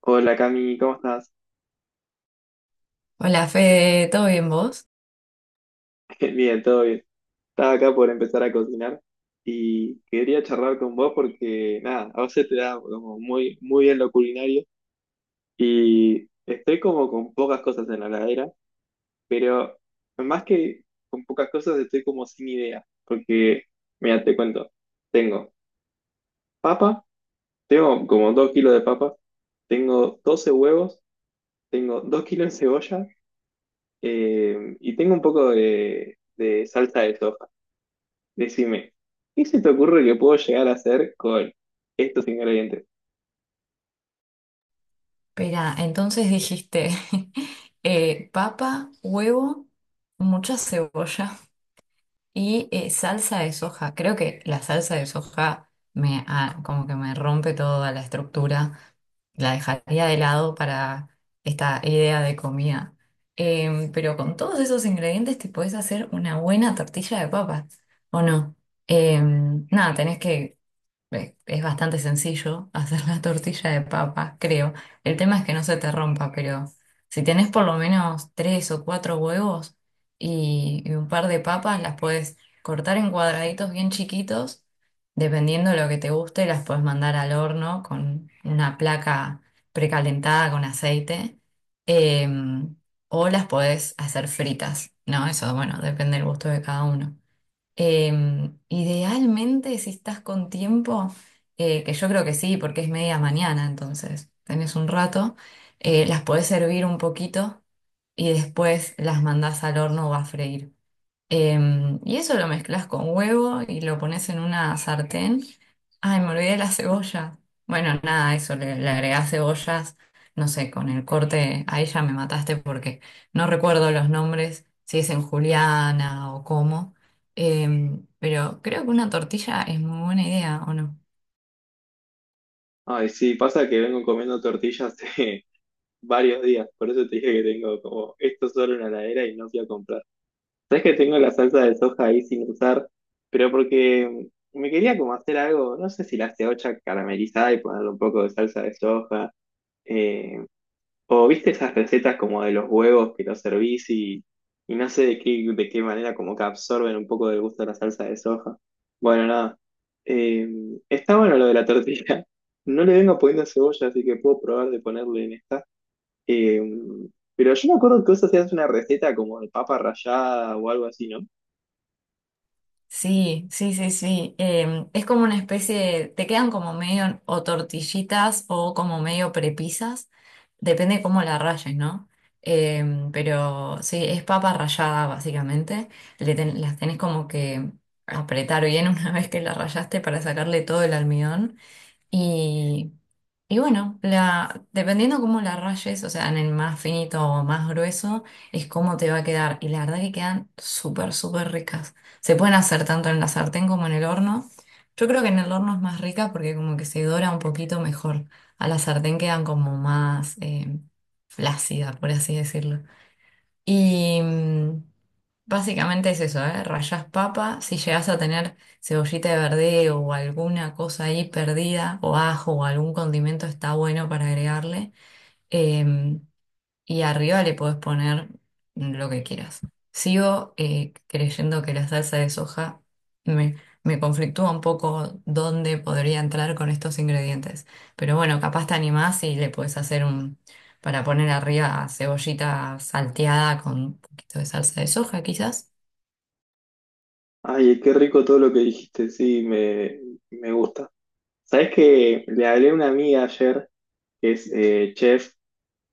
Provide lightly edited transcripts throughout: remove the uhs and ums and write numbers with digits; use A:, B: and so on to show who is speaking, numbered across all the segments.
A: Hola, Cami, ¿cómo estás?
B: Hola Fede, ¿todo bien vos?
A: Bien, todo bien. Estaba acá por empezar a cocinar y quería charlar con vos porque, nada, a vos se te da como muy bien lo culinario y estoy como con pocas cosas en la heladera, pero más que con pocas cosas estoy como sin idea, porque, mira, te cuento, tengo papa, tengo como 2 kilos de papa, tengo 12 huevos, tengo 2 kilos de cebolla y tengo un poco de salsa de soja. Decime, ¿qué se te ocurre que puedo llegar a hacer con estos ingredientes?
B: Espera, entonces dijiste papa, huevo, mucha cebolla y salsa de soja. Creo que la salsa de soja me como que me rompe toda la estructura. La dejaría de lado para esta idea de comida. Pero con todos esos ingredientes te podés hacer una buena tortilla de papas, ¿o no? Nada, tenés que Es bastante sencillo hacer la tortilla de papa, creo. El tema es que no se te rompa, pero si tenés por lo menos tres o cuatro huevos y un par de papas, las puedes cortar en cuadraditos bien chiquitos. Dependiendo de lo que te guste, las puedes mandar al horno con una placa precalentada con aceite. em, o las puedes hacer fritas, ¿no? Eso, bueno, depende del gusto de cada uno. Idealmente, si estás con tiempo, que yo creo que sí, porque es media mañana, entonces tenés un rato, las podés hervir un poquito y después las mandás al horno o a freír. Y eso lo mezclas con huevo y lo pones en una sartén. Ay, me olvidé de la cebolla. Bueno, nada, eso, le agregás cebollas, no sé, con el corte, ahí ya me mataste porque no recuerdo los nombres, si es en Juliana o cómo. Pero creo que una tortilla es muy buena idea, ¿o no?
A: Ay, sí, pasa que vengo comiendo tortillas hace varios días, por eso te dije que tengo como esto solo en la heladera y no fui a comprar. Sabes que tengo la salsa de soja ahí sin usar, pero porque me quería como hacer algo, no sé si la ceocha caramelizada y ponerle un poco de salsa de soja, eh, o viste esas recetas como de los huevos que los servís y no sé de qué manera como que absorben un poco del gusto de la salsa de soja. Bueno, nada. Eh, Está bueno lo de la tortilla. No le vengo poniendo cebolla, así que puedo probar de ponerle en esta. Eh, pero yo me acuerdo que vos hacías una receta como de papa rallada o algo así, ¿no?
B: Sí, sí, sí, sí. Es como una especie de, te quedan como medio o tortillitas o como medio prepisas, depende de cómo la rayes, ¿no? Pero sí, es papa rallada básicamente. Las tenés como que apretar bien una vez que la rayaste para sacarle todo el almidón. Y, y bueno, dependiendo cómo la rayes, o sea, en el más finito o más grueso, es cómo te va a quedar. Y la verdad que quedan súper, súper ricas. Se pueden hacer tanto en la sartén como en el horno. Yo creo que en el horno es más rica porque como que se dora un poquito mejor. A la sartén quedan como más flácida, por así decirlo. Y básicamente es eso, ¿eh? Rallás papa, si llegas a tener cebollita de verdeo o alguna cosa ahí perdida, o ajo o algún condimento, está bueno para agregarle. Em, y arriba le podés poner lo que quieras. Sigo creyendo que la salsa de soja me, me conflictúa un poco dónde podría entrar con estos ingredientes. Pero bueno, capaz te animás y le podés hacer para poner arriba cebollita salteada con un poquito de salsa de soja, quizás.
A: Ay, qué rico todo lo que dijiste, sí, me gusta. Sabes que le hablé a una amiga ayer, que es chef.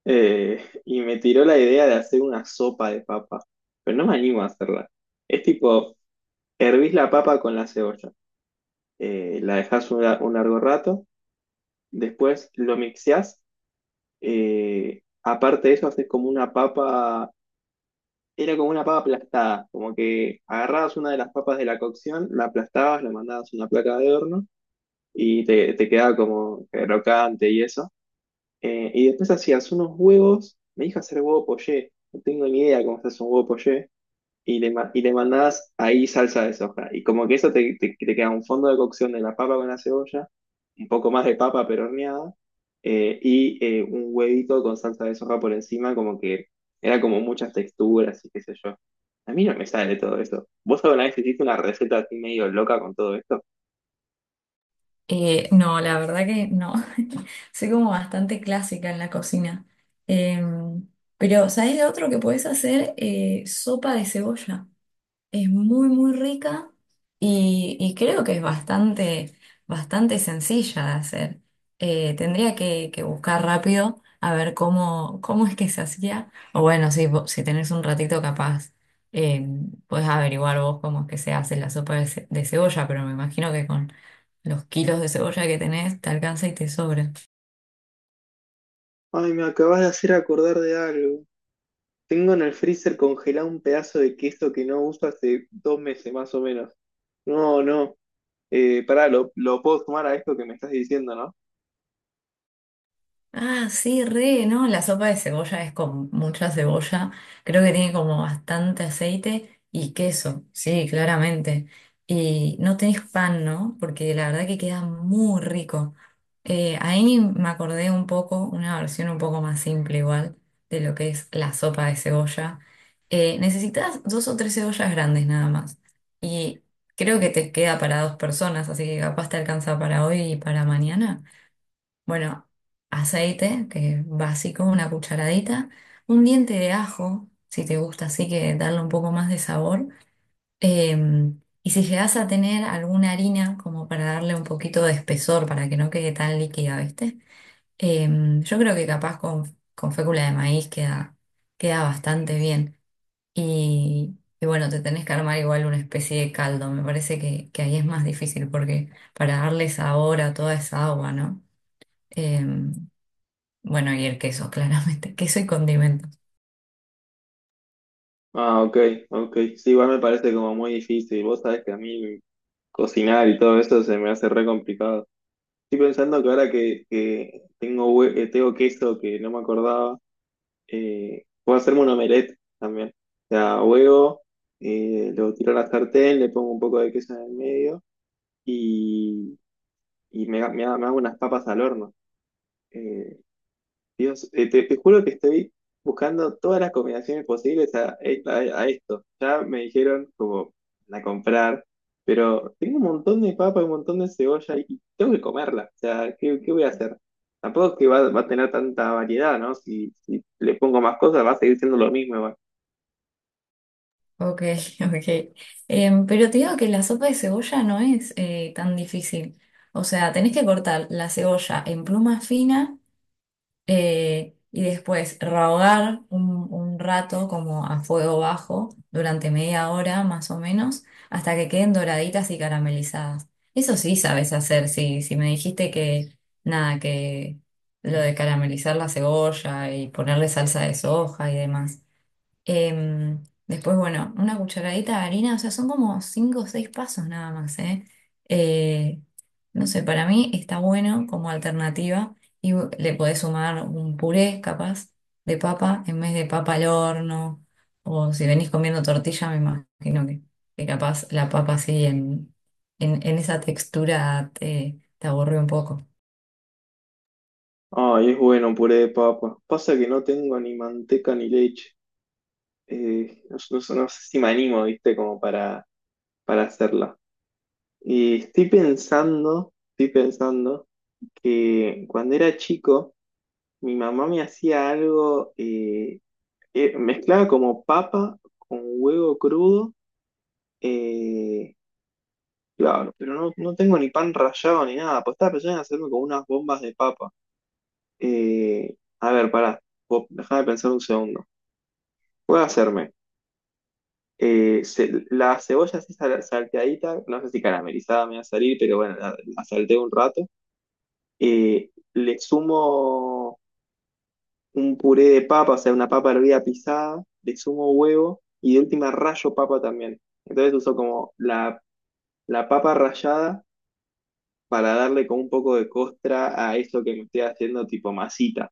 A: Y me tiró la idea de hacer una sopa de papa, pero no me animo a hacerla. Es tipo, hervís la papa con la cebolla, la un largo rato, después lo mixeás, aparte de eso haces como era como una papa aplastada, como que agarrabas una de las papas de la cocción, la aplastabas, la mandabas a una placa de horno y te quedaba como crocante y eso. Y después hacías unos huevos, me dijo hacer huevo poché. No tengo ni idea cómo se hace un huevo poché, y y le mandabas ahí salsa de soja. Y como que te queda un fondo de cocción de la papa con la cebolla, un poco más de papa pero horneada, un huevito con salsa de soja por encima, como que era como muchas texturas y qué sé yo. A mí no me sale todo eso. ¿Vos alguna vez hiciste una receta así medio loca con todo esto?
B: No, la verdad que no. Soy como bastante clásica en la cocina. Em, pero, ¿sabés lo otro que podés hacer? Sopa de cebolla. Es muy, muy rica y creo que es bastante, bastante sencilla de hacer. Tendría que buscar rápido a ver cómo es que se hacía. O bueno, si tenés un ratito capaz, eh, podés averiguar vos cómo es que se hace la sopa de cebolla, pero me imagino que con los kilos de cebolla que tenés te alcanza y te sobra.
A: Ay, me acabas de hacer acordar de algo. Tengo en el freezer congelado un pedazo de queso que no uso hace 2 meses más o menos. No, no. Pará, lo puedo sumar a esto que me estás diciendo, ¿no?
B: Ah, sí, re, ¿no? La sopa de cebolla es con mucha cebolla. Creo que tiene como bastante aceite y queso, sí, claramente. Y no tenés pan, ¿no? Porque la verdad que queda muy rico. Ahí me acordé un poco, una versión un poco más simple igual, de lo que es la sopa de cebolla. Necesitas dos o tres cebollas grandes nada más. Y creo que te queda para dos personas, así que capaz te alcanza para hoy y para mañana. Bueno, aceite, que es básico, una cucharadita, un diente de ajo, si te gusta, así que darle un poco más de sabor. Eh, y si llegas a tener alguna harina, como para darle un poquito de espesor, para que no quede tan líquida, ¿viste? Eh, yo creo que capaz con fécula de maíz queda, queda bastante bien. Y bueno, te tenés que armar igual una especie de caldo. Me parece que ahí es más difícil porque para darle sabor a toda esa agua, ¿no? Eh, bueno, y el queso, claramente. Queso y condimentos.
A: Ah, ok, ok. Sí, igual me parece como muy difícil. Vos sabés que a mí cocinar y todo eso se me hace re complicado. Estoy pensando que ahora que tengo, tengo queso que no me acordaba, puedo hacerme un omelette también. O sea, huevo, lo tiro a la sartén, le pongo un poco de queso en el medio y me hago unas papas al horno. Eh, te juro que estoy buscando todas las combinaciones posibles a- a esto. Ya me dijeron como la comprar, pero tengo un montón de papa y un montón de cebolla y tengo que comerla. O sea, ¿qué, qué voy a hacer? Tampoco es que va a tener tanta variedad, ¿no? Si le pongo más cosas va a seguir siendo lo mismo igual.
B: Ok, ok. Pero te digo que la sopa de cebolla no es tan difícil. O sea, tenés que cortar la cebolla en pluma fina y después rehogar un rato como a fuego bajo durante media hora más o menos hasta que queden doraditas y caramelizadas. Eso sí sabes hacer, sí. Si me dijiste nada, que lo de caramelizar la cebolla y ponerle salsa de soja y demás. Después, bueno, una cucharadita de harina, o sea, son como cinco o seis pasos nada más, ¿eh? Eh, no sé, para mí está bueno como alternativa y le podés sumar un puré capaz de papa en vez de papa al horno, o si venís comiendo tortilla, me imagino que capaz la papa así en esa textura te aburre un poco.
A: Ay, es bueno un puré de papa. Pasa que no tengo ni manteca ni leche. No sé si me animo, ¿viste? Como para hacerla. Y estoy pensando que cuando era chico, mi mamá me hacía algo, mezclaba como papa con huevo crudo. eh, claro, pero no tengo ni pan rallado ni nada, pues estaba pensando en hacerme como unas bombas de papa. A ver, pará, déjame pensar un segundo. Voy a hacerme la cebolla así salteadita, no sé si caramelizada me va a salir, pero bueno, la salteé un rato. Le sumo un puré de papa, o sea, una papa hervida pisada, le sumo huevo y de última rayo papa también. Entonces uso como la papa rallada para darle como un poco de costra a eso que me estoy haciendo tipo masita.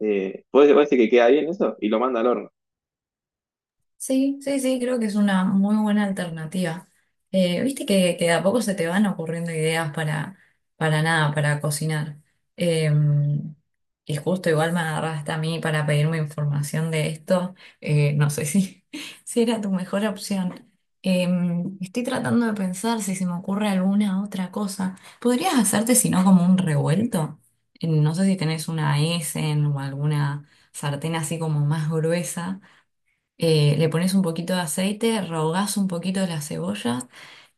A: ¿ puede ser que queda bien eso? Y lo manda al horno.
B: Sí, sí, sí, creo que es una muy buena alternativa. Viste que de a poco se te van ocurriendo ideas para nada, para cocinar. Eh, y justo igual me agarraste a mí para pedirme información de esto. No sé si, si era tu mejor opción. Eh, Estoy tratando de pensar si se me ocurre alguna otra cosa. ¿Podrías hacerte, si no, como un revuelto? No sé si tenés una Essen o alguna sartén así como más gruesa le pones un poquito de aceite, rehogás un poquito las cebollas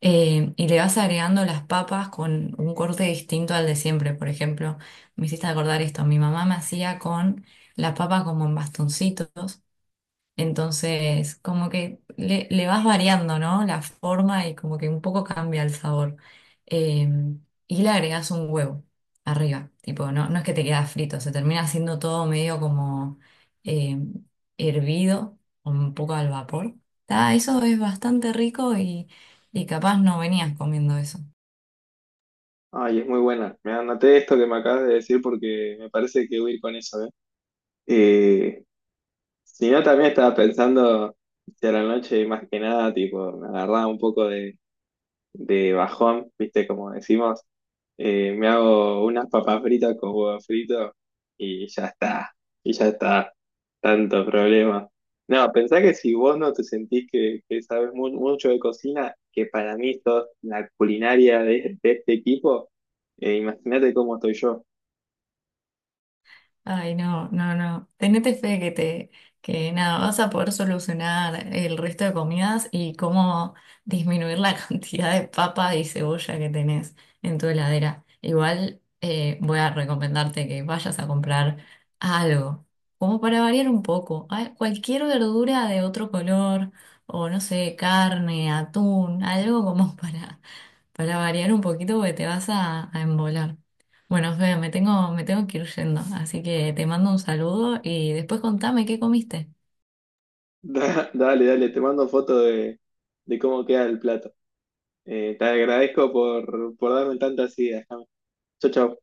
B: y le vas agregando las papas con un corte distinto al de siempre. Por ejemplo, me hiciste acordar esto, mi mamá me hacía con las papas como en bastoncitos entonces, como que le vas variando, ¿no? La forma y como que un poco cambia el sabor. Eh, y le agregas un huevo arriba. Tipo, no, no es que te queda frito, se termina haciendo todo medio como eh, hervido, un poco al vapor. Ta, eso es bastante rico y capaz no venías comiendo eso.
A: Ay, es muy buena. Me anoté esto que me acabas de decir porque me parece que voy a ir con eso, ¿eh? Eh, si no, también estaba pensando si a la noche, más que nada, tipo, me agarraba un poco de bajón, viste, como decimos, me hago unas papas fritas con huevo frito y ya está, y ya está, tanto problema. No, pensá que si vos no te sentís que sabes mucho de cocina, que para mí sos la culinaria de este equipo, imagínate cómo estoy yo.
B: Ay, no, no, no. Tenete fe que nada, vas a poder solucionar el resto de comidas y cómo disminuir la cantidad de papa y cebolla que tenés en tu heladera. Igual voy a recomendarte que vayas a comprar algo, como para variar un poco. Ay, cualquier verdura de otro color, o no sé, carne, atún, algo como para variar un poquito porque te vas a embolar. Bueno, Fede, me tengo que ir yendo, así que te mando un saludo y después contame qué comiste.
A: Dale, dale, te mando foto de cómo queda el plato. Te agradezco por darme tantas ideas. Chao, chao.